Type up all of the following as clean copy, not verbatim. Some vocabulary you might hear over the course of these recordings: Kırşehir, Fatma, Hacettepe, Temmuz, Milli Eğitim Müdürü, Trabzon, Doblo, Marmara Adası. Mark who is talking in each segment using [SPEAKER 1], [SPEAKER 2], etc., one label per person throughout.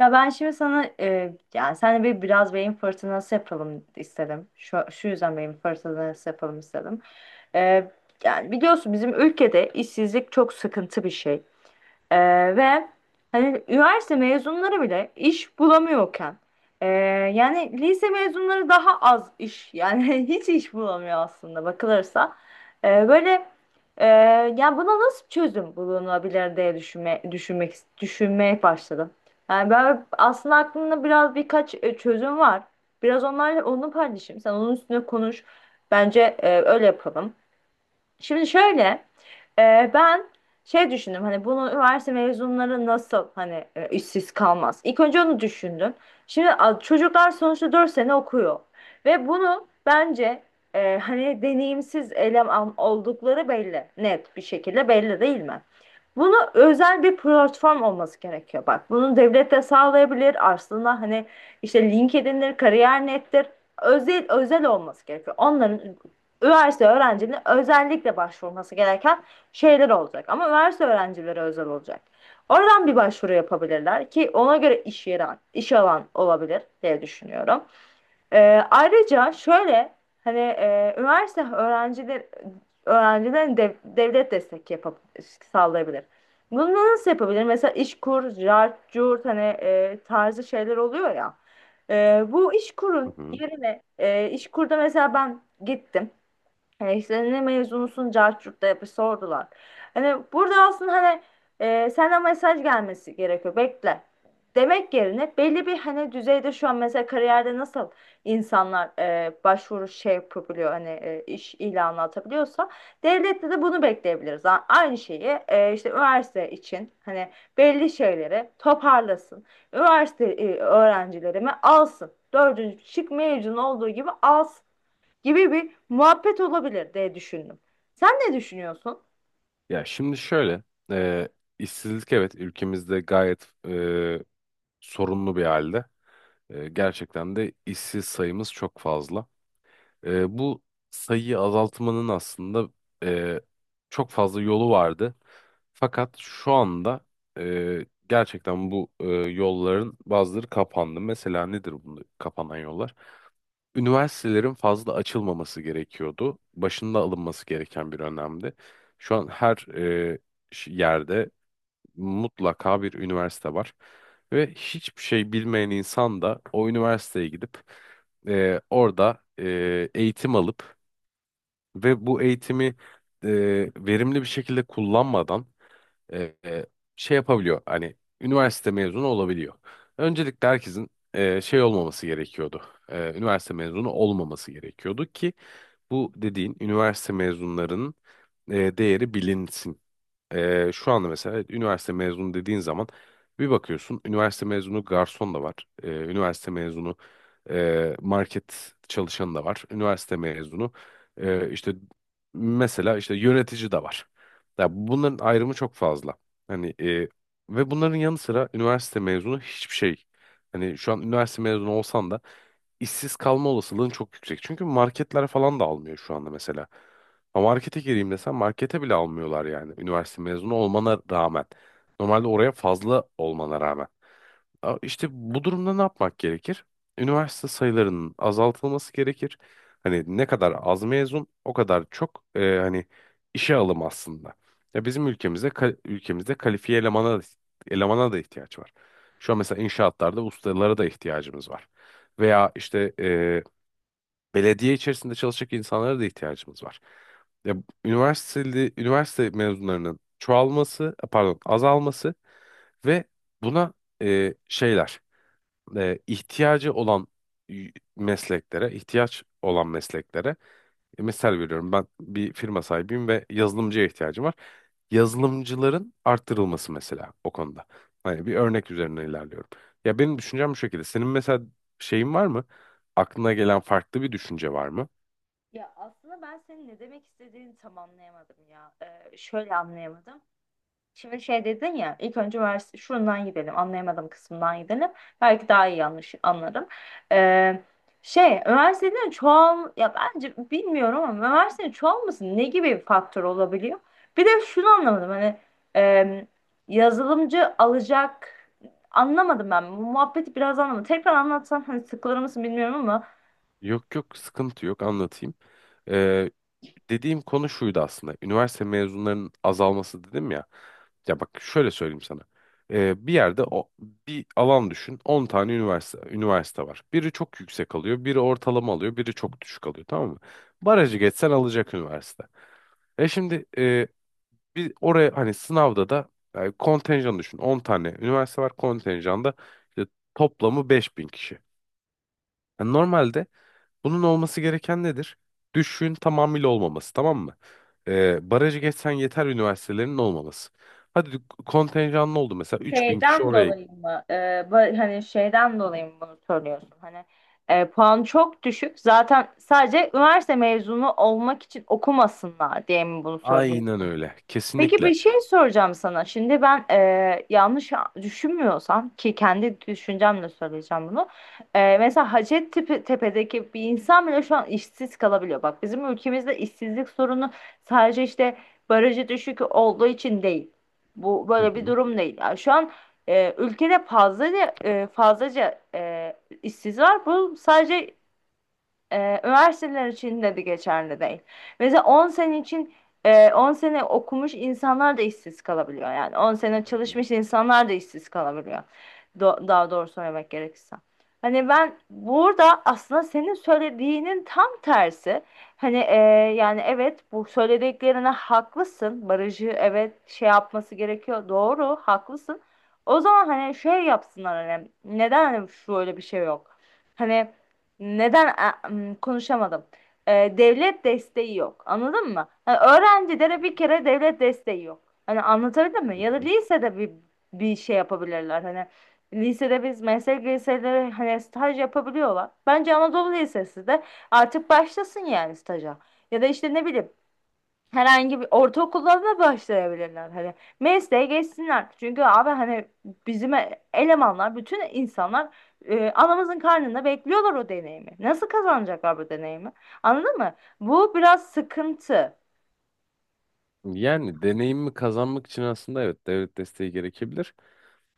[SPEAKER 1] Ya ben şimdi sana yani sen bir biraz beyin fırtınası yapalım istedim. Şu yüzden beyin fırtınası yapalım istedim. E, yani biliyorsun bizim ülkede işsizlik çok sıkıntı bir şey. Ee, ve hani üniversite mezunları bile iş bulamıyorken ee, yani lise mezunları daha az iş yani hiç iş bulamıyor aslında bakılırsa. Böyle ee, yani buna nasıl çözüm bulunabilir diye düşünmeye başladım. Yani ben aslında aklımda biraz birkaç çözüm var. Biraz onlarla onu paylaşayım. Sen onun üstüne konuş. Bence öyle yapalım. Şimdi şöyle ben şey düşündüm hani bunu üniversite mezunları nasıl hani işsiz kalmaz. İlk önce onu düşündüm. Şimdi çocuklar sonuçta 4 sene okuyor ve bunu bence hani deneyimsiz eleman oldukları belli. Net bir şekilde belli değil mi? Bunu özel bir platform olması gerekiyor. Bak bunu devlet de sağlayabilir. Aslında hani işte LinkedIn'dir, kariyer nettir. Özel özel olması gerekiyor. Onların üniversite öğrencinin özellikle başvurması gereken şeyler olacak. Ama üniversite öğrencilere özel olacak. Oradan bir başvuru yapabilirler ki ona göre iş yeri, iş alan olabilir diye düşünüyorum. Ee, ayrıca şöyle hani üniversite öğrencilerin devlet destek yapıp sağlayabilir. Bunu nasıl yapabilir? Mesela İşkur, JART, CURT hani tarzı şeyler oluyor ya. Bu
[SPEAKER 2] Hı
[SPEAKER 1] İşkur'un
[SPEAKER 2] hı.
[SPEAKER 1] yerine İşkur'da mesela ben gittim. Yani işte ne mezunusun cahçurt da yapı sordular. Hani burada aslında hani senden mesaj gelmesi gerekiyor. Bekle. Demek yerine belli bir hani düzeyde şu an mesela kariyerde nasıl insanlar başvuru şey yapabiliyor hani iş ilanı atabiliyorsa devlette de bunu bekleyebiliriz. Aynı şeyi işte üniversite için hani belli şeyleri toparlasın. Üniversite öğrencilerimi alsın. Dördüncü şık mezun olduğu gibi alsın gibi bir muhabbet olabilir diye düşündüm. Sen ne düşünüyorsun?
[SPEAKER 2] Ya şimdi şöyle, e, işsizlik evet ülkemizde gayet sorunlu bir halde. Gerçekten de işsiz sayımız çok fazla. Bu sayıyı azaltmanın aslında e, çok fazla yolu vardı. Fakat şu anda gerçekten bu yolların bazıları kapandı. Mesela nedir bunu kapanan yollar? Üniversitelerin fazla açılmaması gerekiyordu. Başında alınması gereken bir önlemdi. Şu an her yerde mutlaka bir üniversite var. Ve hiçbir şey bilmeyen insan da o üniversiteye gidip orada eğitim alıp ve bu eğitimi e, verimli bir şekilde kullanmadan e, e, şey yapabiliyor. Hani üniversite mezunu olabiliyor. Öncelikle herkesin şey olmaması gerekiyordu. Üniversite mezunu olmaması gerekiyordu ki bu dediğin üniversite mezunlarının değeri bilinsin. Şu anda mesela evet, üniversite mezunu dediğin zaman bir bakıyorsun üniversite mezunu garson da var. Üniversite mezunu market çalışanı da var. Üniversite mezunu işte mesela işte yönetici de var. Ya bunların ayrımı çok fazla. Hani ve bunların yanı sıra üniversite mezunu hiçbir şey. Hani şu an üniversite mezunu olsan da işsiz kalma olasılığın çok yüksek. Çünkü marketler falan da almıyor şu anda mesela. Ama markete gireyim desem markete bile almıyorlar yani. Üniversite mezunu olmana rağmen. Normalde oraya fazla olmana rağmen. İşte bu durumda ne yapmak gerekir? Üniversite sayılarının azaltılması gerekir. Hani ne kadar az mezun o kadar çok hani işe alım aslında. Ya bizim ülkemizde ülkemizde kalifiye elemana da, elemana da ihtiyaç var. Şu an mesela inşaatlarda ustalara da ihtiyacımız var. Veya işte belediye içerisinde çalışacak insanlara da ihtiyacımız var. Ya üniversite mezunlarının çoğalması, e, pardon, azalması ve buna şeyler, ihtiyacı olan mesleklere, ihtiyaç olan mesleklere, misal veriyorum ben bir firma sahibiyim ve yazılımcıya ihtiyacım var. Yazılımcıların arttırılması mesela o konuda. Hani bir örnek üzerine ilerliyorum. Ya benim düşüncem bu şekilde. Senin mesela şeyin var mı? Aklına gelen farklı bir düşünce var mı?
[SPEAKER 1] Ya aslında ben senin ne demek istediğini tam anlayamadım ya. Şöyle anlayamadım. Şimdi şey dedin ya ilk önce vers şundan gidelim anlayamadığım kısmından gidelim. Belki daha iyi yanlış anlarım. Ee, şey üniversitenin çoğal ya bence bilmiyorum ama üniversitenin çoğalması ne gibi bir faktör olabiliyor? Bir de şunu anlamadım hani e, yazılımcı alacak anlamadım ben bu muhabbeti biraz anlamadım. Tekrar anlatsan hani sıkılır mısın bilmiyorum ama
[SPEAKER 2] Yok yok, sıkıntı yok, anlatayım. Ee, Dediğim konu şuydu aslında. Üniversite mezunlarının azalması dedim ya. Ya bak şöyle söyleyeyim sana. Bir yerde o bir alan düşün. 10 tane üniversite var. Biri çok yüksek alıyor, biri ortalama alıyor, biri çok düşük alıyor, tamam mı? Barajı geçsen alacak üniversite. E şimdi e, bir oraya hani sınavda da yani kontenjan düşün. 10 tane üniversite var kontenjanda, işte toplamı 5.000 kişi. Yani normalde bunun olması gereken nedir? Düşüğün tamamıyla olmaması, tamam mı? Barajı geçsen yeter üniversitelerinin olmaması. Hadi kontenjanlı oldu mesela 3.000 kişi
[SPEAKER 1] şeyden
[SPEAKER 2] oraya.
[SPEAKER 1] dolayı mı? Hani şeyden dolayı mı bunu söylüyorsun? Hani puan çok düşük. Zaten sadece üniversite mezunu olmak için okumasınlar diye mi bunu
[SPEAKER 2] Aynen
[SPEAKER 1] söylüyorsun?
[SPEAKER 2] öyle.
[SPEAKER 1] Peki bir
[SPEAKER 2] Kesinlikle.
[SPEAKER 1] şey soracağım sana. Şimdi ben yanlış düşünmüyorsam ki kendi düşüncemle söyleyeceğim bunu. Mesela Hacettepe'deki bir insan bile şu an işsiz kalabiliyor. Bak bizim ülkemizde işsizlik sorunu sadece işte barajı düşük olduğu için değil. Bu
[SPEAKER 2] Hı
[SPEAKER 1] böyle bir
[SPEAKER 2] hı.
[SPEAKER 1] durum değil. Yani şu an ülkede fazlaca işsiz var. Bu sadece üniversiteler için de geçerli değil. Mesela 10 sene için 10 sene okumuş insanlar da işsiz kalabiliyor. Yani 10 sene
[SPEAKER 2] Hı hı.
[SPEAKER 1] çalışmış insanlar da işsiz kalabiliyor. Daha doğru söylemek gerekirse. Hani ben burada aslında senin söylediğinin tam tersi. Hani yani evet bu söylediklerine haklısın. Barajı evet şey yapması gerekiyor. Doğru haklısın. O zaman hani şey yapsınlar hani neden hani şöyle bir şey yok? Hani neden konuşamadım? Ee, devlet desteği yok. Anladın mı? Hani öğrencilere bir kere devlet desteği yok. Hani anlatabildim mi?
[SPEAKER 2] Hı
[SPEAKER 1] Ya da
[SPEAKER 2] hı.
[SPEAKER 1] lisede bir şey yapabilirler. Hani lisede biz meslek liseleri hani staj yapabiliyorlar. Bence Anadolu Lisesi de artık başlasın yani staja. Ya da işte ne bileyim herhangi bir ortaokulda da başlayabilirler hani mesleğe geçsinler çünkü abi hani bizim elemanlar bütün insanlar anamızın karnında bekliyorlar o deneyimi nasıl kazanacaklar bu deneyimi anladın mı bu biraz sıkıntı
[SPEAKER 2] Yani deneyimi kazanmak için aslında evet devlet desteği gerekebilir.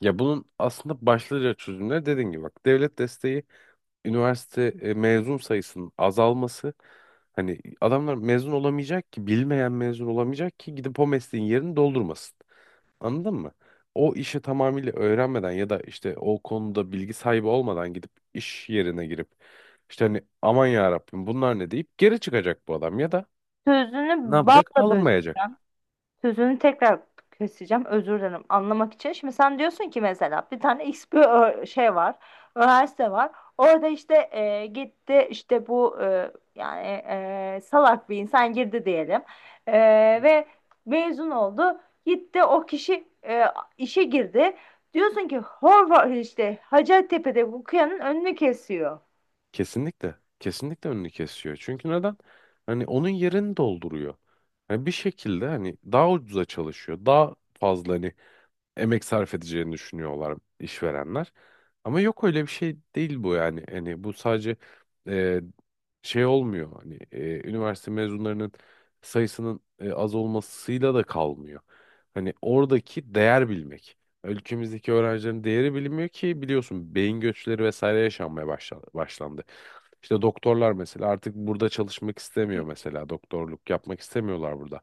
[SPEAKER 2] Ya bunun aslında başlıca çözümleri dediğin gibi, bak, devlet desteği, üniversite mezun sayısının azalması. Hani adamlar mezun olamayacak ki, bilmeyen mezun olamayacak ki gidip o mesleğin yerini doldurmasın. Anladın mı? O işi tamamıyla öğrenmeden ya da işte o konuda bilgi sahibi olmadan gidip iş yerine girip işte hani aman ya Rabbim bunlar ne deyip geri çıkacak bu adam ya da
[SPEAKER 1] sözünü
[SPEAKER 2] ne yapacak?
[SPEAKER 1] balla böz.
[SPEAKER 2] Alınmayacak.
[SPEAKER 1] Sözünü tekrar keseceğim. Özür dilerim. Anlamak için. Şimdi sen diyorsun ki mesela bir tane X bir şey var. Üniversite var. Orada işte gitti işte bu salak bir insan girdi diyelim. E,
[SPEAKER 2] Hı hı.
[SPEAKER 1] ve mezun oldu. Gitti o kişi işe girdi. Diyorsun ki Horvath işte Hacettepe'de bu kıyanın önünü kesiyor.
[SPEAKER 2] Kesinlikle. Kesinlikle önünü kesiyor. Çünkü neden? Hani onun yerini dolduruyor. Hani bir şekilde hani daha ucuza çalışıyor. Daha fazla hani emek sarf edeceğini düşünüyorlar işverenler. Ama yok, öyle bir şey değil bu yani. Hani bu sadece e, şey olmuyor. Hani üniversite mezunlarının sayısının az olmasıyla da kalmıyor. Hani oradaki değer bilmek. Ülkemizdeki öğrencilerin değeri bilinmiyor ki, biliyorsun, beyin göçleri vesaire yaşanmaya başlandı. İşte doktorlar mesela artık burada çalışmak istemiyor, mesela doktorluk yapmak istemiyorlar burada.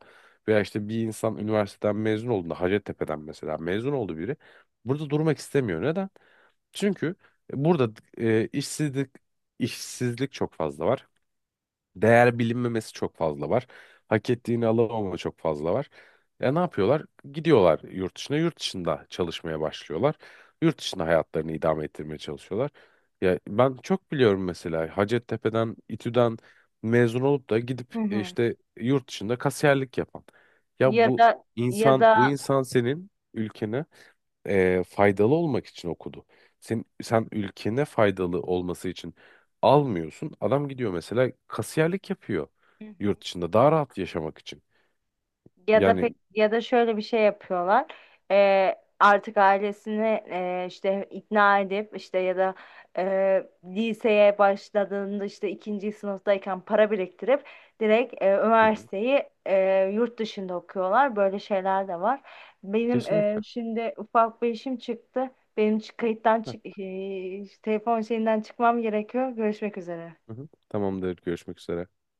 [SPEAKER 2] Veya işte bir insan üniversiteden mezun olduğunda, Hacettepe'den mesela mezun oldu biri, burada durmak istemiyor. Neden? Çünkü burada işsizlik çok fazla var, değer bilinmemesi çok fazla var. Hak ettiğini alamama çok fazla var. Ya ne yapıyorlar? Gidiyorlar yurt dışına, yurt dışında çalışmaya başlıyorlar. Yurt dışında hayatlarını idame ettirmeye çalışıyorlar. Ya ben çok biliyorum mesela Hacettepe'den, İTÜ'den mezun olup da
[SPEAKER 1] Hı
[SPEAKER 2] gidip
[SPEAKER 1] hı.
[SPEAKER 2] işte yurt dışında kasiyerlik yapan. Ya
[SPEAKER 1] Ya
[SPEAKER 2] bu
[SPEAKER 1] da ya
[SPEAKER 2] insan, bu
[SPEAKER 1] da
[SPEAKER 2] insan senin ülkene faydalı olmak için okudu. Sen ülkene faydalı olması için almıyorsun. Adam gidiyor mesela kasiyerlik yapıyor
[SPEAKER 1] Hı hı.
[SPEAKER 2] yurt dışında daha rahat yaşamak için.
[SPEAKER 1] Ya da pek
[SPEAKER 2] Yani
[SPEAKER 1] ya da şöyle bir şey yapıyorlar. Artık ailesini işte ikna edip işte ya da e, liseye başladığında işte ikinci sınıftayken para biriktirip direkt
[SPEAKER 2] hı hı,
[SPEAKER 1] üniversiteyi yurt dışında okuyorlar. Böyle şeyler de var. Benim
[SPEAKER 2] kesinlikle.
[SPEAKER 1] şimdi ufak bir işim çıktı. Benim kayıttan
[SPEAKER 2] Heh,
[SPEAKER 1] telefon şeyinden çıkmam gerekiyor. Görüşmek üzere.
[SPEAKER 2] hı hı. Tamamdır. Görüşmek üzere.